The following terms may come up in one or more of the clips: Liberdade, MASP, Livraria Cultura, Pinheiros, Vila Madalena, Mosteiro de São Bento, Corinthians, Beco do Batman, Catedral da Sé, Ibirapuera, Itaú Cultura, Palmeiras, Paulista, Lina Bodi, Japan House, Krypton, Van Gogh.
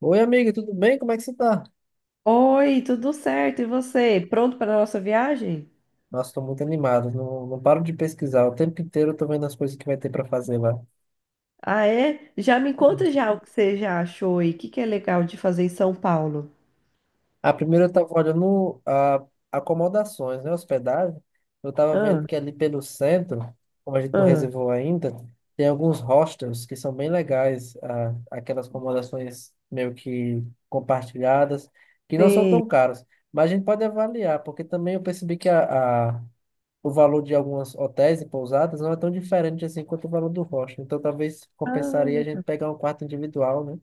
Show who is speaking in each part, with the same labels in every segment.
Speaker 1: Oi, amiga, tudo bem? Como é que você tá?
Speaker 2: Oi, tudo certo? E você? Pronto para a nossa viagem?
Speaker 1: Nossa, tô muito animado, não paro de pesquisar. O tempo inteiro eu tô vendo as coisas que vai ter pra fazer lá.
Speaker 2: Ah, é? Já me
Speaker 1: Uhum.
Speaker 2: conta já o que você já achou e o que que é legal de fazer em São Paulo.
Speaker 1: Primeiro eu tava olhando acomodações, né? Hospedagem. Eu tava vendo
Speaker 2: Ah,
Speaker 1: que ali pelo centro, como a gente não
Speaker 2: ah,
Speaker 1: reservou ainda, tem alguns hostels que são bem legais. Aquelas acomodações meio que compartilhadas, que não são
Speaker 2: sei.
Speaker 1: tão caras. Mas a gente pode avaliar, porque também eu percebi que o valor de algumas hotéis e pousadas não é tão diferente assim quanto o valor do hostel. Então talvez compensaria a
Speaker 2: Ah.
Speaker 1: gente pegar um quarto individual, né?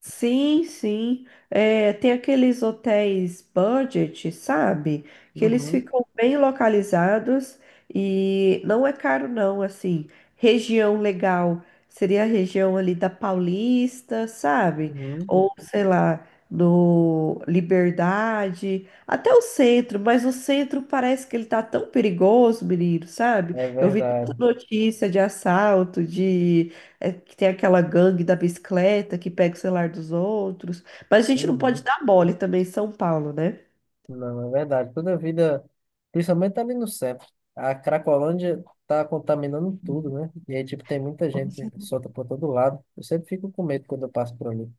Speaker 2: Sim, sim. É, tem aqueles hotéis budget, sabe? Que eles
Speaker 1: Uhum,
Speaker 2: ficam bem localizados e não é caro, não. Assim, região legal seria a região ali da Paulista, sabe?
Speaker 1: uhum,
Speaker 2: Ou sei lá, no Liberdade, até o centro, mas o centro parece que ele tá tão perigoso, menino, sabe?
Speaker 1: é
Speaker 2: Eu vi
Speaker 1: verdade.
Speaker 2: tanta notícia de assalto, de é que tem aquela gangue da bicicleta que pega o celular dos outros. Mas a gente não pode
Speaker 1: Uhum,
Speaker 2: dar mole também em São Paulo, né?
Speaker 1: não, é verdade. Toda vida, principalmente ali no centro, a Cracolândia tá contaminando tudo, né? E aí, tipo, tem muita gente solta por todo lado. Eu sempre fico com medo quando eu passo por ali.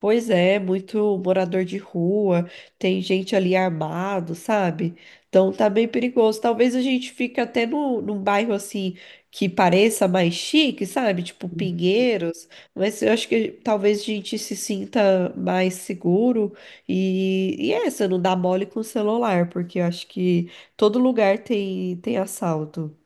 Speaker 2: Pois é, muito morador de rua, tem gente ali armado, sabe? Então tá bem perigoso. Talvez a gente fique até no, num bairro assim que pareça mais chique, sabe? Tipo Pinheiros, mas eu acho que talvez a gente se sinta mais seguro e essa, não dá mole com o celular, porque eu acho que todo lugar tem assalto.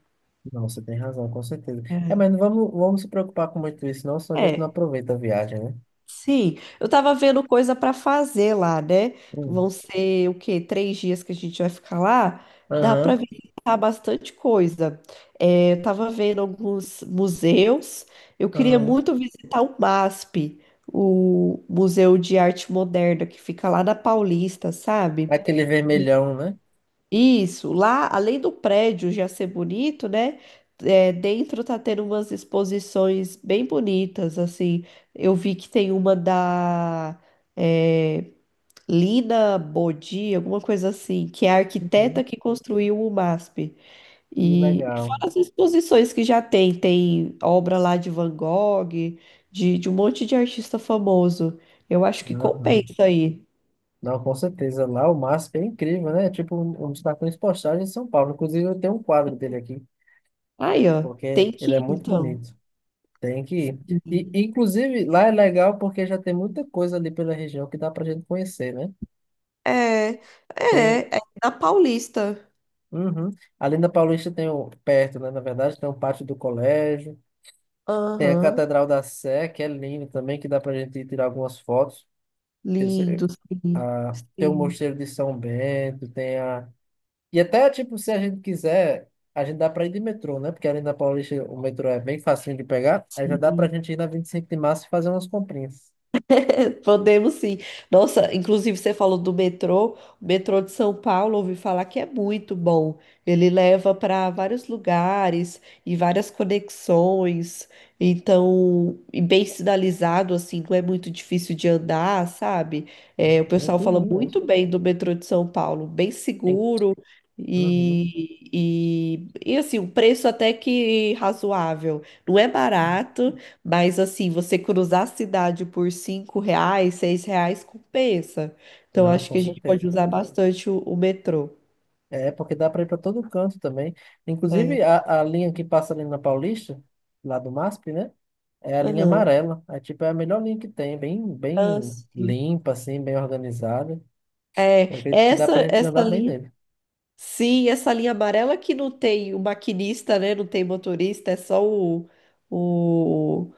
Speaker 1: Não, você tem razão, com certeza. É, mas não vamos se preocupar com muito isso, não, senão a gente não
Speaker 2: É.
Speaker 1: aproveita a viagem, né?
Speaker 2: Sim, eu tava vendo coisa para fazer lá, né?
Speaker 1: Hum.
Speaker 2: Vão ser o quê? Três dias que a gente vai ficar lá. Dá para
Speaker 1: Aham,
Speaker 2: visitar bastante coisa. É, eu tava vendo alguns museus. Eu queria
Speaker 1: aham.
Speaker 2: muito visitar o MASP, o Museu de Arte Moderna, que fica lá na Paulista,
Speaker 1: É
Speaker 2: sabe?
Speaker 1: aquele vermelhão, né?
Speaker 2: Isso, lá, além do prédio já ser bonito, né? É, dentro tá tendo umas exposições bem bonitas, assim. Eu vi que tem uma da é, Lina Bodi, alguma coisa assim, que é a
Speaker 1: Uhum.
Speaker 2: arquiteta que construiu o MASP.
Speaker 1: Que
Speaker 2: E
Speaker 1: legal.
Speaker 2: fora as exposições que já tem, tem obra lá de Van Gogh, de um monte de artista famoso. Eu acho que
Speaker 1: Uhum.
Speaker 2: compensa aí.
Speaker 1: Não, com certeza. Lá o MASP é incrível, né? É tipo um dos cartões postais de São Paulo. Inclusive, eu tenho um quadro dele aqui,
Speaker 2: Aí, ó,
Speaker 1: porque
Speaker 2: tem que
Speaker 1: ele é
Speaker 2: ir,
Speaker 1: muito
Speaker 2: então.
Speaker 1: bonito. Tem que ir. E, inclusive, lá é legal porque já tem muita coisa ali pela região que dá pra gente conhecer, né?
Speaker 2: É,
Speaker 1: Tem.
Speaker 2: é na Paulista.
Speaker 1: Uhum. Ali na Paulista tem o, perto, né? Na verdade, tem o pátio do colégio. Tem a
Speaker 2: Aham,
Speaker 1: Catedral da Sé, que é linda também, que dá pra gente ir tirar algumas fotos.
Speaker 2: lindo,
Speaker 1: Ah, tem o
Speaker 2: sim,
Speaker 1: Mosteiro de São Bento, tem a. E até, tipo, se a gente quiser, a gente dá pra ir de metrô, né? Porque ali na Paulista o metrô é bem facinho de pegar. Aí já dá pra
Speaker 2: sim.
Speaker 1: gente ir na 25 de março e fazer umas comprinhas.
Speaker 2: Podemos sim. Nossa, inclusive você falou do metrô. O metrô de São Paulo, ouvi falar que é muito bom. Ele leva para vários lugares e várias conexões. Então, e bem sinalizado, assim, não é muito difícil de andar, sabe? É, o pessoal fala
Speaker 1: Tranquilinho hoje.
Speaker 2: muito bem do metrô de São Paulo, bem
Speaker 1: Hein?
Speaker 2: seguro
Speaker 1: Uhum.
Speaker 2: e assim, o preço até que razoável. Não é barato. Mas assim, você cruzar a cidade por cinco reais, seis reais compensa. Então
Speaker 1: Não,
Speaker 2: acho
Speaker 1: com
Speaker 2: que a gente
Speaker 1: certeza.
Speaker 2: pode usar bastante o metrô.
Speaker 1: É, porque dá pra ir pra todo canto também. Inclusive,
Speaker 2: É.
Speaker 1: a linha que passa ali na Paulista, lá do MASP, né? É a linha
Speaker 2: Aham.
Speaker 1: amarela. É, tipo, é a melhor linha que tem. Bem,
Speaker 2: Ah,
Speaker 1: bem
Speaker 2: sim.
Speaker 1: limpa, assim, bem organizada.
Speaker 2: É,
Speaker 1: Eu acredito que dá pra
Speaker 2: essa
Speaker 1: gente
Speaker 2: essa
Speaker 1: andar bem
Speaker 2: linha,
Speaker 1: nele.
Speaker 2: sim, essa linha amarela que não tem o maquinista, né? Não tem motorista, é só o,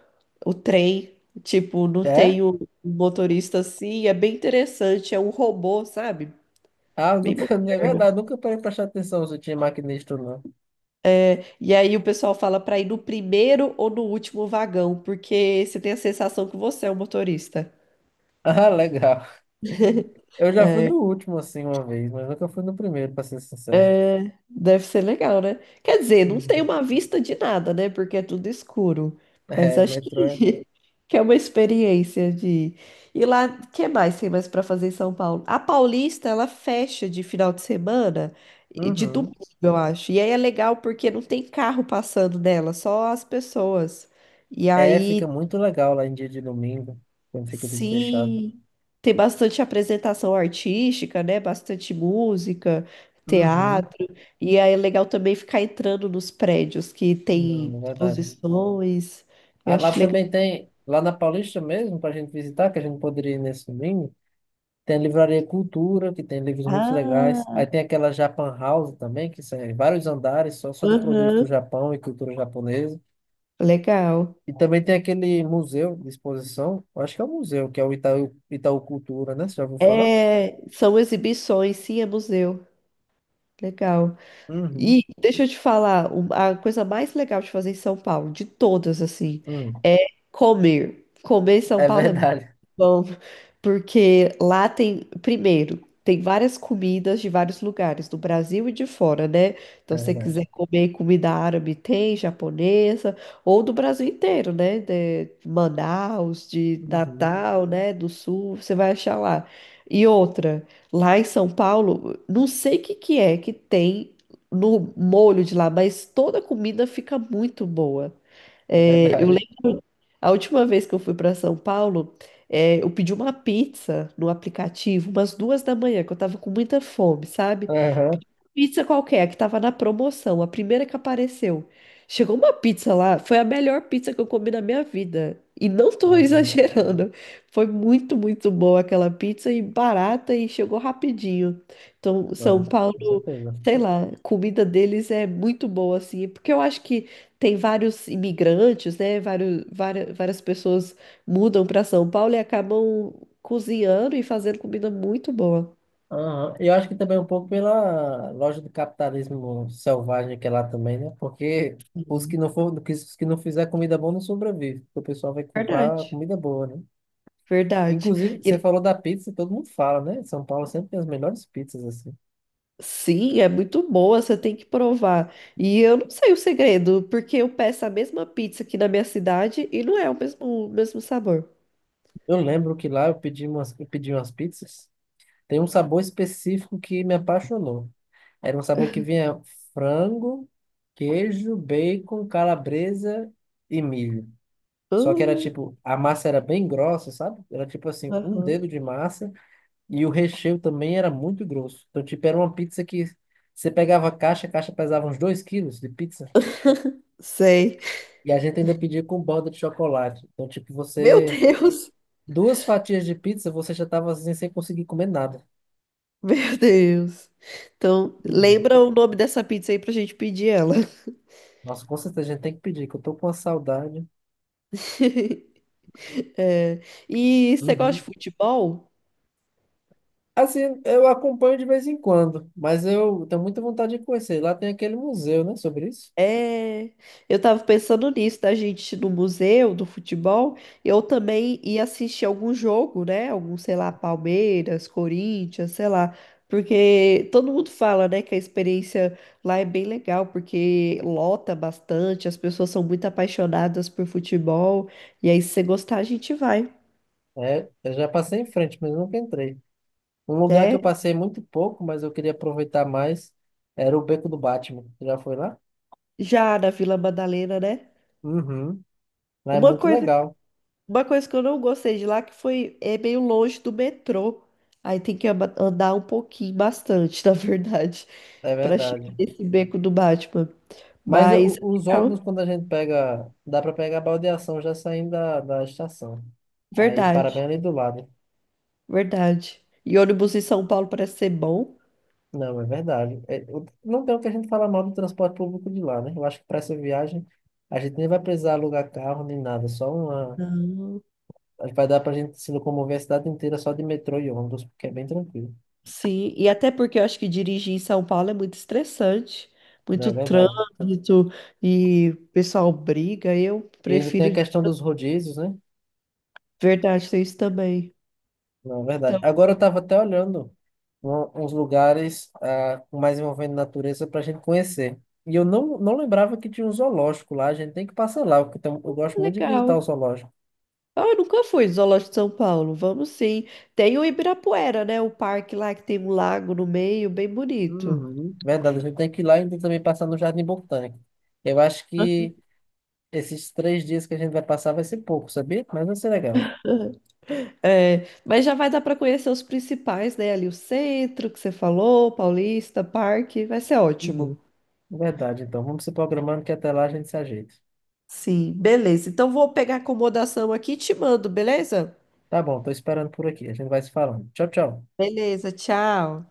Speaker 2: o trem. Tipo, não
Speaker 1: É,
Speaker 2: tem o motorista assim, é bem interessante, é um robô, sabe? Bem
Speaker 1: Nunca, é
Speaker 2: moderno.
Speaker 1: verdade, nunca parei pra prestar atenção se tinha maquinista ou não.
Speaker 2: E aí o pessoal fala para ir no primeiro ou no último vagão, porque você tem a sensação que você é o motorista.
Speaker 1: Ah, legal. Eu já fui no último, assim, uma vez, mas nunca fui no primeiro, pra ser sincero.
Speaker 2: Deve ser legal, né? Quer dizer, não tem
Speaker 1: Uhum.
Speaker 2: uma vista de nada, né? Porque é tudo escuro. Mas
Speaker 1: É,
Speaker 2: acho
Speaker 1: metrô é.
Speaker 2: que, que é uma experiência de. E lá, o que mais tem mais para fazer em São Paulo? A Paulista, ela fecha de final de semana, e de
Speaker 1: Uhum.
Speaker 2: domingo, eu acho. E aí é legal porque não tem carro passando nela, só as pessoas. E
Speaker 1: É,
Speaker 2: aí
Speaker 1: fica muito legal lá em dia de domingo, quando fica tudo fechado.
Speaker 2: sim, tem bastante apresentação artística, né? Bastante música,
Speaker 1: Uhum.
Speaker 2: teatro. E aí é legal também ficar entrando nos prédios que
Speaker 1: Não,
Speaker 2: tem
Speaker 1: é verdade.
Speaker 2: exposições. Eu
Speaker 1: Ah, lá
Speaker 2: acho legal.
Speaker 1: também tem, lá na Paulista mesmo, pra gente visitar, que a gente poderia ir nesse domingo. Tem a Livraria Cultura, que tem livros muito legais.
Speaker 2: Ah,
Speaker 1: Aí tem aquela Japan House também, que são vários andares só de produtos do
Speaker 2: aham,
Speaker 1: Japão e cultura japonesa.
Speaker 2: legal.
Speaker 1: E também tem aquele museu de exposição, eu acho que é um museu, que é o Itaú, Itaú Cultura, né? Você já ouviu falar?
Speaker 2: É, são exibições, sim, é museu. Legal.
Speaker 1: Uhum,
Speaker 2: E deixa eu te falar, a coisa mais legal de fazer em São Paulo, de todas, assim,
Speaker 1: uhum.
Speaker 2: é comer. Comer em São
Speaker 1: É
Speaker 2: Paulo é
Speaker 1: verdade,
Speaker 2: bom, porque lá tem, primeiro, tem várias comidas de vários lugares, do Brasil e de fora, né? Então,
Speaker 1: é
Speaker 2: se você
Speaker 1: verdade.
Speaker 2: quiser comer comida árabe, tem, japonesa, ou do Brasil inteiro, né? De Manaus, de
Speaker 1: Uhum,
Speaker 2: Natal, né? Do Sul, você vai achar lá. E outra, lá em São Paulo, não sei o que que é que tem no molho de lá, mas toda comida fica muito boa.
Speaker 1: é
Speaker 2: É, eu
Speaker 1: verdade.
Speaker 2: a última vez que eu fui para São Paulo, eu pedi uma pizza no aplicativo, umas duas da manhã, que eu tava com muita fome, sabe?
Speaker 1: Aham.
Speaker 2: Pedi uma pizza qualquer, que tava na promoção, a primeira que apareceu. Chegou uma pizza lá, foi a melhor pizza que eu comi na minha vida. E não tô
Speaker 1: Caramba.
Speaker 2: exagerando. Foi muito, muito boa aquela pizza e barata e chegou rapidinho. Então, São
Speaker 1: Não, com
Speaker 2: Paulo,
Speaker 1: certeza.
Speaker 2: sei lá, comida deles é muito boa, assim, porque eu acho que tem vários imigrantes, né? Várias pessoas mudam para São Paulo e acabam cozinhando e fazendo comida muito boa.
Speaker 1: Aham. E eu acho que também um pouco pela loja do capitalismo selvagem que é lá também, né? Porque os que não for, os que não fizer comida boa não sobrevive, porque o pessoal vai comprar
Speaker 2: Verdade.
Speaker 1: comida boa, né?
Speaker 2: Verdade.
Speaker 1: Inclusive, você
Speaker 2: E,
Speaker 1: falou da pizza, todo mundo fala, né? São Paulo sempre tem as melhores pizzas assim.
Speaker 2: sim, é muito boa, você tem que provar. E eu não sei o segredo, porque eu peço a mesma pizza aqui na minha cidade e não é o mesmo sabor.
Speaker 1: Eu lembro que lá eu pedi umas pizzas. Tem um sabor específico que me apaixonou. Era um sabor que vinha frango, queijo, bacon, calabresa e milho. Só que era
Speaker 2: Hum,
Speaker 1: tipo, a massa era bem grossa, sabe? Era tipo assim, um
Speaker 2: aham,
Speaker 1: dedo de massa e o recheio também era muito grosso. Então, tipo, era uma pizza que você pegava a caixa pesava uns 2 quilos de pizza
Speaker 2: sei.
Speaker 1: e a gente ainda pedia com borda de chocolate. Então, tipo,
Speaker 2: Meu
Speaker 1: você.
Speaker 2: Deus!
Speaker 1: Duas fatias de pizza, você já tava assim, sem conseguir comer nada.
Speaker 2: Meu Deus! Então,
Speaker 1: Uhum.
Speaker 2: lembra o nome dessa pizza aí pra gente pedir ela.
Speaker 1: Nossa, com certeza a gente tem que pedir, que eu tô com uma saudade.
Speaker 2: É, e você gosta de
Speaker 1: Uhum.
Speaker 2: futebol?
Speaker 1: Assim, eu acompanho de vez em quando, mas eu tenho muita vontade de conhecer. Lá tem aquele museu, né, sobre isso.
Speaker 2: É, eu tava pensando nisso, da gente ir no museu do futebol, eu também ia assistir algum jogo, né? Algum, sei lá, Palmeiras, Corinthians, sei lá. Porque todo mundo fala, né, que a experiência lá é bem legal, porque lota bastante, as pessoas são muito apaixonadas por futebol, e aí se você gostar, a gente vai,
Speaker 1: É, eu já passei em frente, mas nunca entrei. Um lugar que
Speaker 2: né?
Speaker 1: eu passei muito pouco, mas eu queria aproveitar mais, era o Beco do Batman. Você já foi lá?
Speaker 2: Já na Vila Madalena, né?
Speaker 1: Uhum. Lá é
Speaker 2: Uma
Speaker 1: muito
Speaker 2: coisa
Speaker 1: legal,
Speaker 2: Uma coisa que eu não gostei de lá que foi é meio longe do metrô. Aí tem que andar um pouquinho, bastante, na verdade,
Speaker 1: é
Speaker 2: para chegar
Speaker 1: verdade.
Speaker 2: nesse beco do Batman.
Speaker 1: Mas
Speaker 2: Mas
Speaker 1: eu- os
Speaker 2: é
Speaker 1: ônibus,
Speaker 2: legal,
Speaker 1: quando a gente pega, dá para pegar a baldeação já saindo da estação. Aí para bem
Speaker 2: verdade,
Speaker 1: ali do lado.
Speaker 2: verdade. E ônibus em São Paulo parece ser bom.
Speaker 1: Não, é verdade. É, eu- não tem o que a gente falar mal do transporte público de lá, né? Eu acho que para essa viagem a gente nem vai precisar alugar carro nem nada, só uma. Acho que vai dar pra gente se locomover a cidade inteira só de metrô e ônibus, porque é bem tranquilo.
Speaker 2: Sim, e até porque eu acho que dirigir em São Paulo é muito estressante,
Speaker 1: Não,
Speaker 2: muito
Speaker 1: é verdade.
Speaker 2: trânsito e o pessoal briga. Eu
Speaker 1: E ainda tem
Speaker 2: prefiro
Speaker 1: a questão dos rodízios, né?
Speaker 2: verdade ter isso também.
Speaker 1: Não, é verdade.
Speaker 2: Então,
Speaker 1: Agora eu estava até olhando um- uns lugares mais envolvendo natureza para a gente conhecer. E eu não lembrava que tinha um zoológico lá. A gente tem que passar lá, porque tem- um, eu gosto muito de visitar o
Speaker 2: legal.
Speaker 1: zoológico.
Speaker 2: Ah, eu nunca fui no Zoológico de São Paulo. Vamos sim. Tem o Ibirapuera, né? O parque lá que tem um lago no meio, bem bonito.
Speaker 1: Uhum. Verdade, a gente tem que ir lá e ainda também passar no Jardim Botânico. Eu acho que esses 3 dias que a gente vai passar vai ser pouco, sabia? Mas vai ser legal.
Speaker 2: É, mas já vai dar para conhecer os principais, né? Ali o centro que você falou, Paulista, Parque, vai ser ótimo.
Speaker 1: Verdade, então. Vamos se programando que até lá a gente se ajeita.
Speaker 2: Sim, beleza. Então vou pegar a acomodação aqui e te mando, beleza?
Speaker 1: Tá bom, tô esperando por aqui. A gente vai se falando. Tchau, tchau.
Speaker 2: Beleza, tchau.